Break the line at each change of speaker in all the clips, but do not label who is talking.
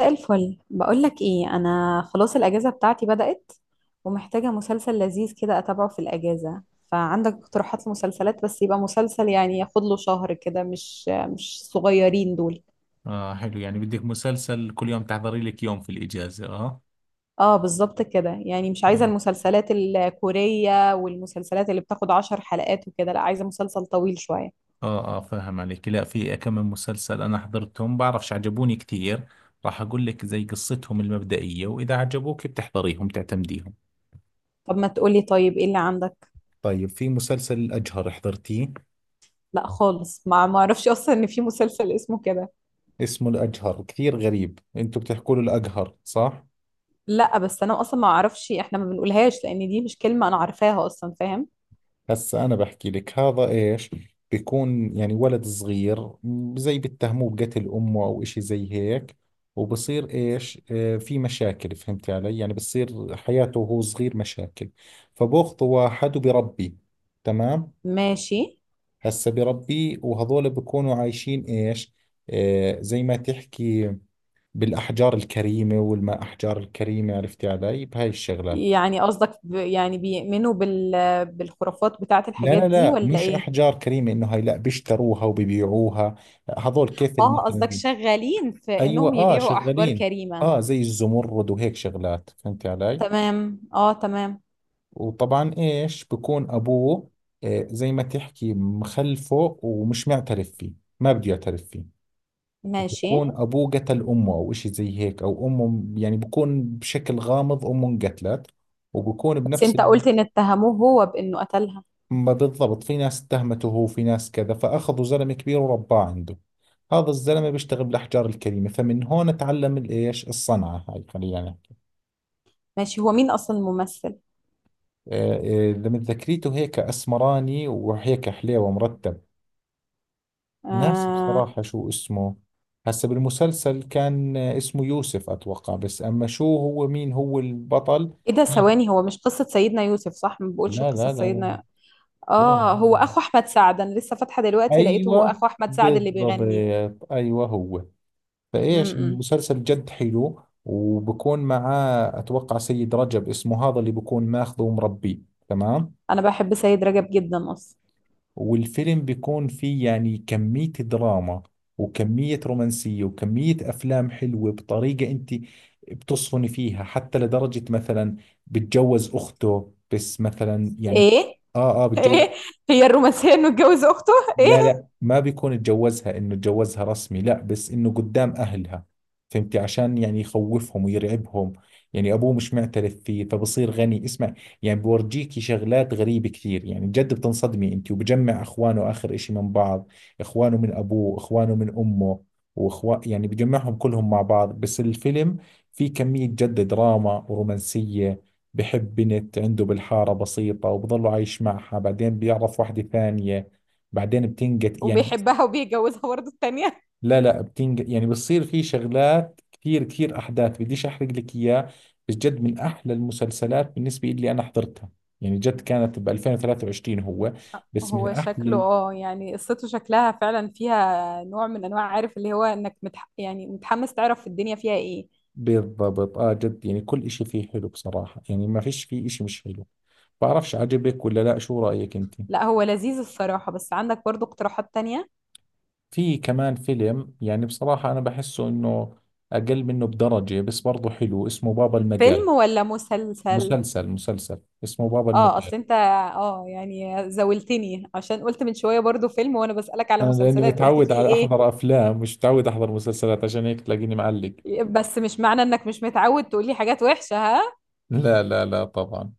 مساء الفل، بقولك ايه، انا خلاص الاجازه بتاعتي بدأت ومحتاجه مسلسل لذيذ كده اتابعه في الاجازه. فعندك اقتراحات لمسلسلات؟ بس يبقى مسلسل يعني ياخد له شهر كده، مش صغيرين دول.
اه، حلو. يعني بدك مسلسل كل يوم تحضري لك يوم في الإجازة. اه،
اه، بالظبط كده. يعني مش عايزه
حلو.
المسلسلات الكوريه والمسلسلات اللي بتاخد 10 حلقات وكده. لا، عايزه مسلسل طويل شويه.
اه اه، فاهم عليك. لا، في كم من مسلسل انا حضرتهم بعرفش عجبوني كثير. راح اقول لك زي قصتهم المبدئية، واذا عجبوك بتحضريهم تعتمديهم.
طب ما تقولي طيب، ايه اللي عندك؟
طيب، في مسلسل الأجهر، حضرتيه؟
لا خالص، ما اعرفش اصلا ان في مسلسل اسمه كده.
اسمه الأجهر، كثير غريب، انتوا بتحكوا له الأجهر صح؟
لا بس انا اصلا ما اعرفش، احنا ما بنقولهاش لان دي مش كلمه انا عارفاها اصلا، فاهم؟
هسا أنا بحكي لك هذا إيش. بيكون يعني ولد صغير زي بيتهموه بقتل أمه أو إشي زي هيك. وبصير إيش، في مشاكل، فهمتي علي؟ يعني بصير حياته وهو صغير مشاكل، فبأخذه واحد وبربيه. تمام.
ماشي.
هسا بربيه، وهذول بيكونوا عايشين إيش. زي ما تحكي بالأحجار الكريمة والما أحجار الكريمة، عرفتي علي بهاي الشغلات.
يعني قصدك يعني بالخرافات بتاعة
لا
الحاجات
لا
دي
لا،
ولا
مش
ايه؟
احجار كريمه انه هاي، لا بيشتروها وبيبيعوها. لا، هذول كيف
اه،
مثلا.
قصدك شغالين في
ايوه
انهم
اه،
يبيعوا احجار
شغالين.
كريمة.
اه، زي الزمرد وهيك شغلات، فهمت علي.
تمام، اه، تمام.
وطبعا ايش بكون ابوه. زي ما تحكي مخلفه ومش معترف فيه، ما بده يعترف فيه.
ماشي.
وبكون ابوه قتل امه او اشي زي هيك، او امه يعني بكون بشكل غامض امه انقتلت، وبكون
بس
بنفس
انت
الوقت.
قلت ان اتهموه هو بانه قتلها.
ما بالضبط، في ناس اتهمته هو، في ناس كذا، فأخذوا زلمة كبير ورباه عنده. هذا الزلمة بيشتغل بالأحجار الكريمة، فمن هون تعلم الإيش الصنعة هاي خلينا نحكي.
ماشي. هو مين اصلا الممثل؟
آه، لما ذكريته هيك أسمراني وهيك حليوة مرتب ناس،
آه.
بصراحة شو اسمه. هسا بالمسلسل كان اسمه يوسف أتوقع، بس أما شو هو، مين هو البطل.
ايه ده؟
لا
ثواني، هو مش قصة سيدنا يوسف صح؟ ما بقولش
لا
قصة
لا لا، لا.
سيدنا.
لا.
اه، هو اخو احمد سعد. انا لسه فاتحة دلوقتي لقيته هو
أيوة،
اخو احمد سعد اللي
بالضبط.
بيغني.
أيوة هو.
م
فايش
-م.
المسلسل جد حلو، وبكون معاه اتوقع سيد رجب، اسمه هذا اللي بكون ماخذه ومربيه. تمام.
انا بحب سيد رجب جدا اصلا.
والفيلم بيكون فيه يعني كمية دراما وكمية رومانسية وكمية افلام حلوة بطريقة انت بتصفني فيها. حتى لدرجة مثلا بتجوز اخته، بس مثلا يعني.
ايه؟
اه اه، بتجوز.
ايه هي الرومانسية انه اتجوز اخته؟ ايه؟
لا لا، ما بيكون اتجوزها انه اتجوزها رسمي، لا بس انه قدام اهلها، فهمتي، عشان يعني يخوفهم ويرعبهم. يعني ابوه مش معترف فيه، فبصير غني، اسمع. يعني بورجيكي شغلات غريبة كثير، يعني جد بتنصدمي انت، وبجمع اخوانه اخر اشي من بعض. اخوانه من ابوه اخوانه من امه، واخوان يعني بجمعهم كلهم مع بعض. بس الفيلم في كمية جد دراما ورومانسية. بحب بنت عنده بالحارة بسيطة، وبضله عايش معها، بعدين بيعرف واحدة ثانية، بعدين بتنقت يعني.
وبيحبها وبيتجوزها برضه التانية؟
لا لا، بتنقت يعني بتصير في شغلات كثير كثير احداث، بديش احرق لك اياه. بس جد من احلى المسلسلات بالنسبه لي انا حضرتها. يعني جد كانت ب 2023 هو، بس من
هو
احلى
شكله، يعني قصته شكلها فعلا فيها نوع من انواع، عارف اللي هو انك يعني متحمس تعرف الدنيا فيها ايه.
بالضبط. اه جد، يعني كل اشي فيه حلو بصراحه، يعني ما فيش فيه اشي مش حلو. بعرفش عجبك ولا لا، شو رايك انت؟
لا هو لذيذ الصراحة، بس عندك برضه اقتراحات تانية؟
في كمان فيلم، يعني بصراحه انا بحسه انه اقل منه بدرجه، بس برضه حلو، اسمه بابا المجال.
فيلم ولا مسلسل؟
مسلسل، اسمه بابا
اه
المجال.
اصل انت، يعني زاولتني عشان قلت من شوية برضه فيلم، وانا بسألك على
انا لاني
مسلسلات قلت
متعود
فيه
على
ايه.
احضر افلام، مش متعود احضر مسلسلات، عشان هيك تلاقيني معلق.
بس مش معنى انك مش متعود تقولي حاجات وحشة، ها.
لا لا لا، طبعا.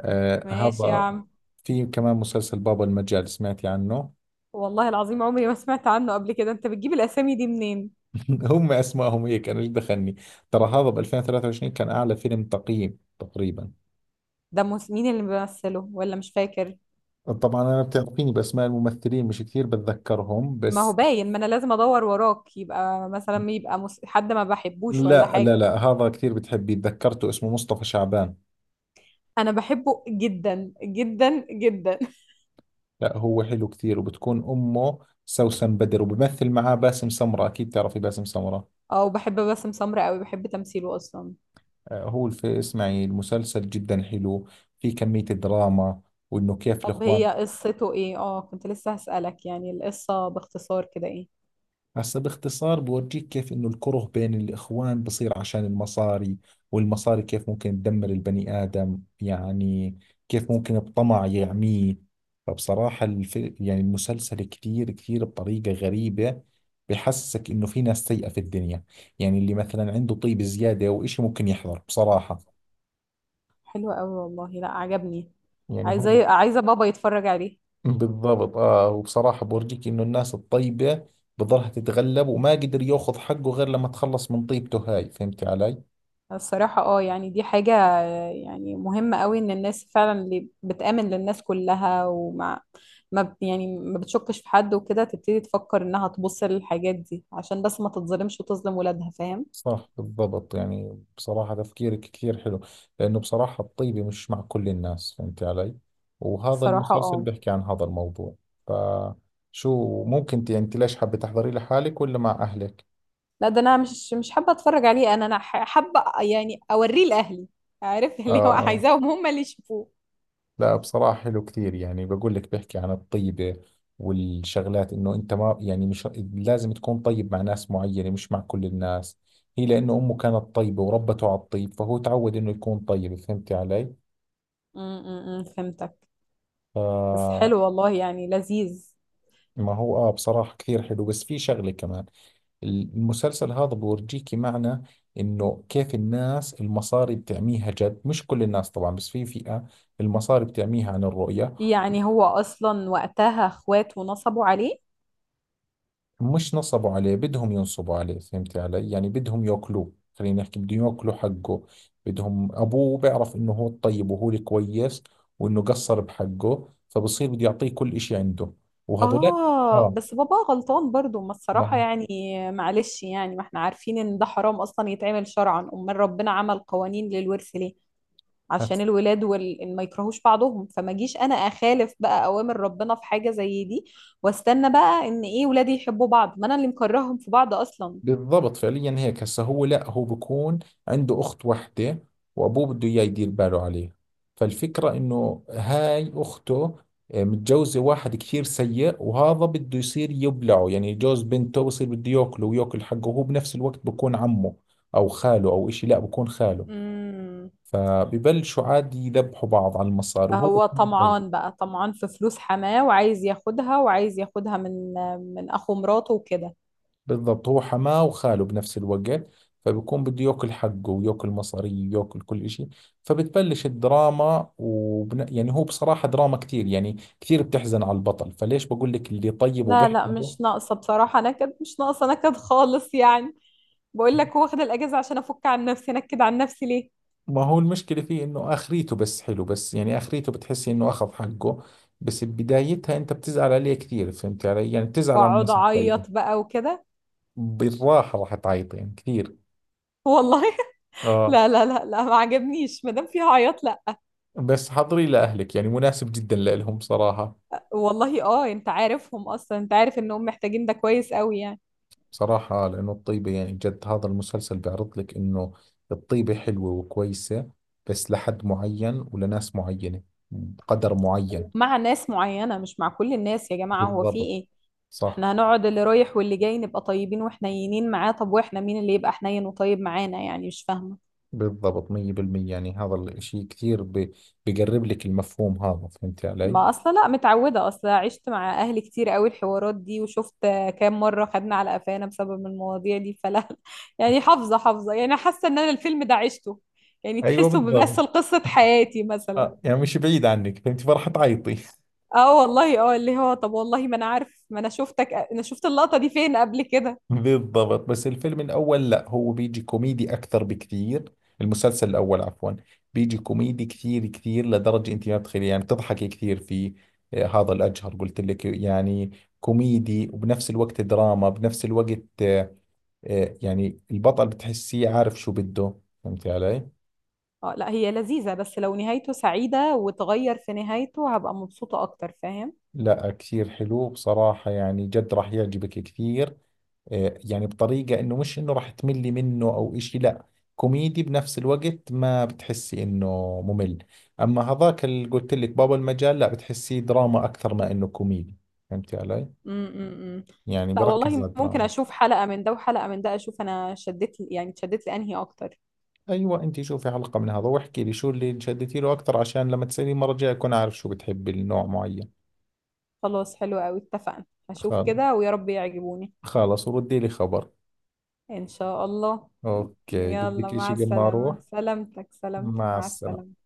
آه،
ماشي يا
هذا.
عم.
في كمان مسلسل بابا المجال، سمعتي عنه؟
والله العظيم عمري ما سمعت عنه قبل كده، انت بتجيب الاسامي دي منين؟
هم اسمائهم هيك، انا ايش دخلني. ترى هذا ب 2023 كان اعلى فيلم تقييم تقريبا.
ده مين اللي بيمثله، ولا مش فاكر؟
طبعا انا بتعرفيني باسماء الممثلين مش كثير بتذكرهم،
ما هو
بس
باين ما انا لازم ادور وراك. يبقى مثلا يبقى حد ما بحبوش ولا
لا لا
حاجه؟
لا، هذا كثير بتحبيه. تذكرته، اسمه مصطفى شعبان.
انا بحبه جدا جدا جدا
لا هو حلو كثير، وبتكون امه سوسن بدر، وبمثل معاه باسم سمرة، اكيد تعرفي باسم سمرة.
اه، وبحب باسم سمرة قوي، بحب تمثيله اصلا.
اسمعي المسلسل جدا حلو، في كمية الدراما، وإنه كيف
طب
الإخوان.
هي قصته ايه؟ اه كنت لسه هسألك يعني القصه باختصار كده ايه.
هسا باختصار بورجيك كيف إنه الكره بين الإخوان بصير عشان المصاري، والمصاري كيف ممكن تدمر البني آدم، يعني كيف ممكن الطمع يعميه. فبصراحة يعني المسلسل كثير كثير بطريقة غريبة، بحسسك إنه في ناس سيئة في الدنيا. يعني اللي مثلا عنده طيب زيادة أو إشي، ممكن يحضر بصراحة،
حلوه قوي والله، لا عجبني.
يعني هو.
عايزه، عايزه بابا يتفرج عليه.
بالضبط اه. وبصراحة بورجيك انه الناس الطيبة بضلها تتغلب، وما قدر ياخذ حقه غير لما تخلص من طيبته هاي، فهمت علي؟
الصراحه، يعني دي حاجه. يعني مهم قوي ان الناس فعلا اللي بتآمن للناس كلها، ومع ما ب- يعني ما بتشكش في حد وكده، تبتدي تفكر انها تبص للحاجات دي عشان بس ما تتظلمش وتظلم ولادها، فاهم؟
صح، بالضبط. يعني بصراحة تفكيرك كثير حلو، لأنه بصراحة الطيبة مش مع كل الناس، فهمت علي؟ وهذا
صراحة،
المسلسل
اه.
بيحكي عن هذا الموضوع. فشو ممكن يعني انت ليش حابة تحضري لحالك ولا مع أهلك؟
لا ده انا مش حابة اتفرج عليه. انا حابة يعني اوريه لاهلي. عارف
اه
اللي هو
آه.
عايزاهم هم اللي يشوفوه.
لا بصراحة حلو كثير، يعني بقول لك بحكي عن الطيبة والشغلات، انه انت ما يعني مش لازم تكون طيب مع ناس معينة، مش مع كل الناس. هي لانه امه كانت طيبة وربته على الطيب، فهو تعود انه يكون طيب، فهمتي علي؟
م- م- م، فهمتك.
ف
بس حلو والله، يعني لذيذ.
ما هو اه، بصراحة كثير حلو. بس في شغلة كمان، المسلسل هذا بورجيكي معنى انه كيف الناس المصاري بتعميها، جد مش كل الناس طبعا، بس في فئة المصاري بتعميها عن الرؤية.
يعني هو اصلا وقتها اخوات ونصبوا عليه.
مش نصبوا عليه، بدهم ينصبوا عليه، فهمتي علي؟ يعني بدهم ياكلوه خلينا نحكي، بدهم ياكلوا حقه. بدهم ابوه بيعرف انه هو الطيب وهو الكويس، وانه قصر بحقه، فبصير بده يعطيه كل اشي عنده، وهذولك.
آه،
اه
بس بابا غلطان برضو، ما
ما
الصراحة
هو.
يعني. معلش، يعني ما احنا عارفين إن ده حرام أصلا يتعمل شرعا. أمال ربنا عمل قوانين للورث ليه؟ عشان الولاد إن ما يكرهوش بعضهم، فما جيش أنا أخالف بقى أوامر ربنا في حاجة زي دي. واستنى بقى إن إيه، ولادي يحبوا بعض، ما أنا اللي مكرههم في بعض أصلا.
بالضبط، فعليا هيك، هسا هو لا هو بكون عنده أخت وحدة، وأبوه بده إياه يدير باله عليه. فالفكرة إنه هاي أخته متجوزة واحد كثير سيء، وهذا بده يصير يبلعه. يعني جوز بنته بصير بده ياكله وياكل حقه، وهو بنفس الوقت بكون عمه أو خاله أو إشي، لا بكون خاله.
امم.
فببلشوا عادي يذبحوا بعض على المصاري، وهو
فهو
بكون
طمعان بقى، طمعان في فلوس حماه، وعايز ياخدها وعايز ياخدها من أخو مراته وكده.
بالضبط هو حماه وخاله بنفس الوقت. فبيكون بده ياكل حقه وياكل مصاري وياكل كل إشي. فبتبلش الدراما يعني هو بصراحة دراما كتير، يعني كتير بتحزن على البطل. فليش بقول لك اللي طيب
لا لا،
وبيحمله.
مش ناقصة بصراحة نكد، مش ناقصة نكد خالص يعني. بقول لك هو واخد الأجازة عشان أفك عن نفسي نكد، عن نفسي ليه
ما هو المشكلة فيه إنه آخريته، بس حلو، بس يعني آخريته بتحسي إنه أخذ حقه. بس بدايتها أنت بتزعل عليه كثير، فهمت علي؟ يعني بتزعل على
وأقعد
الناس الطيبة.
أعيط بقى وكده.
بالراحة راح تعيطي يعني كثير.
والله
آه،
لا لا لا لا، ما عجبنيش ما دام فيها عياط، لا.
بس حضري لأهلك، يعني مناسب جدا لإلهم صراحة.
والله، انت عارفهم اصلا، انت عارف انهم محتاجين ده كويس قوي يعني.
صراحة لأنه الطيبة، يعني جد هذا المسلسل بيعرض لك إنه الطيبة حلوة وكويسة، بس لحد معين ولناس معينة، بقدر معين.
مع ناس معينة مش مع كل الناس يا جماعة، هو في
بالضبط،
ايه؟
صح.
احنا هنقعد اللي رايح واللي جاي نبقى طيبين وحنينين معاه؟ طب واحنا مين اللي يبقى حنين وطيب معانا؟ يعني مش فاهمة.
بالضبط مية بالمية، يعني هذا الإشي كثير بقرب لك المفهوم هذا، فهمت علي؟
ما اصلا لا متعوده، اصلا عشت مع اهلي كتير قوي الحوارات دي، وشفت كام مره خدنا على قفانا بسبب المواضيع دي، فلا. يعني حافظه حافظه، يعني حاسه ان انا الفيلم ده عشته، يعني
أيوة،
تحسه
بالضبط.
بيمثل قصه حياتي مثلا.
يعني مش بعيد عنك، فهمت فرح تعيطي
اه والله، اللي هو طب والله ما انا عارف، ما انا شفتك، انا شفت اللقطه دي فين قبل كده.
بالضبط، بس الفيلم الأول، لا هو بيجي كوميدي أكثر بكثير. المسلسل الأول عفوا، بيجي كوميدي كثير كثير لدرجة أنت ما بتخيلي، يعني بتضحكي كثير في. هذا الأجهر قلت لك، يعني كوميدي وبنفس الوقت دراما بنفس الوقت. يعني البطل بتحسيه عارف شو بده، فهمتي علي؟
اه لا هي لذيذه، بس لو نهايته سعيده وتغير في نهايته هبقى مبسوطه اكتر، فاهم؟
لا كثير حلو بصراحة، يعني جد راح يعجبك كثير. يعني بطريقة انه مش انه راح تملي منه او اشي، لا كوميدي بنفس الوقت، ما بتحسي انه ممل. اما هذاك اللي قلت لك بابا المجال، لا بتحسيه دراما اكثر ما انه كوميدي، فهمتي علي،
امم، أمم.
يعني
لا
بركز
والله،
على
ممكن
الدراما.
اشوف حلقة من ده وحلقة من ده، اشوف انا شدت يعني شدت لانهي اكتر.
ايوه، انت شوفي حلقة من هذا واحكي لي شو اللي انشدتي له اكثر، عشان لما تسالي المرة الجاية اكون عارف شو بتحبي النوع معين.
خلاص حلو قوي، اتفقنا. هشوف
خلاص.
كده ويا رب يعجبوني.
خلاص، وردي لي خبر.
ان شاء الله.
اوكي،
يلا،
بدك
مع
اشي قبل ما اروح؟
السلامة، سلامتك سلامتك،
مع
مع
السلامة.
السلامة.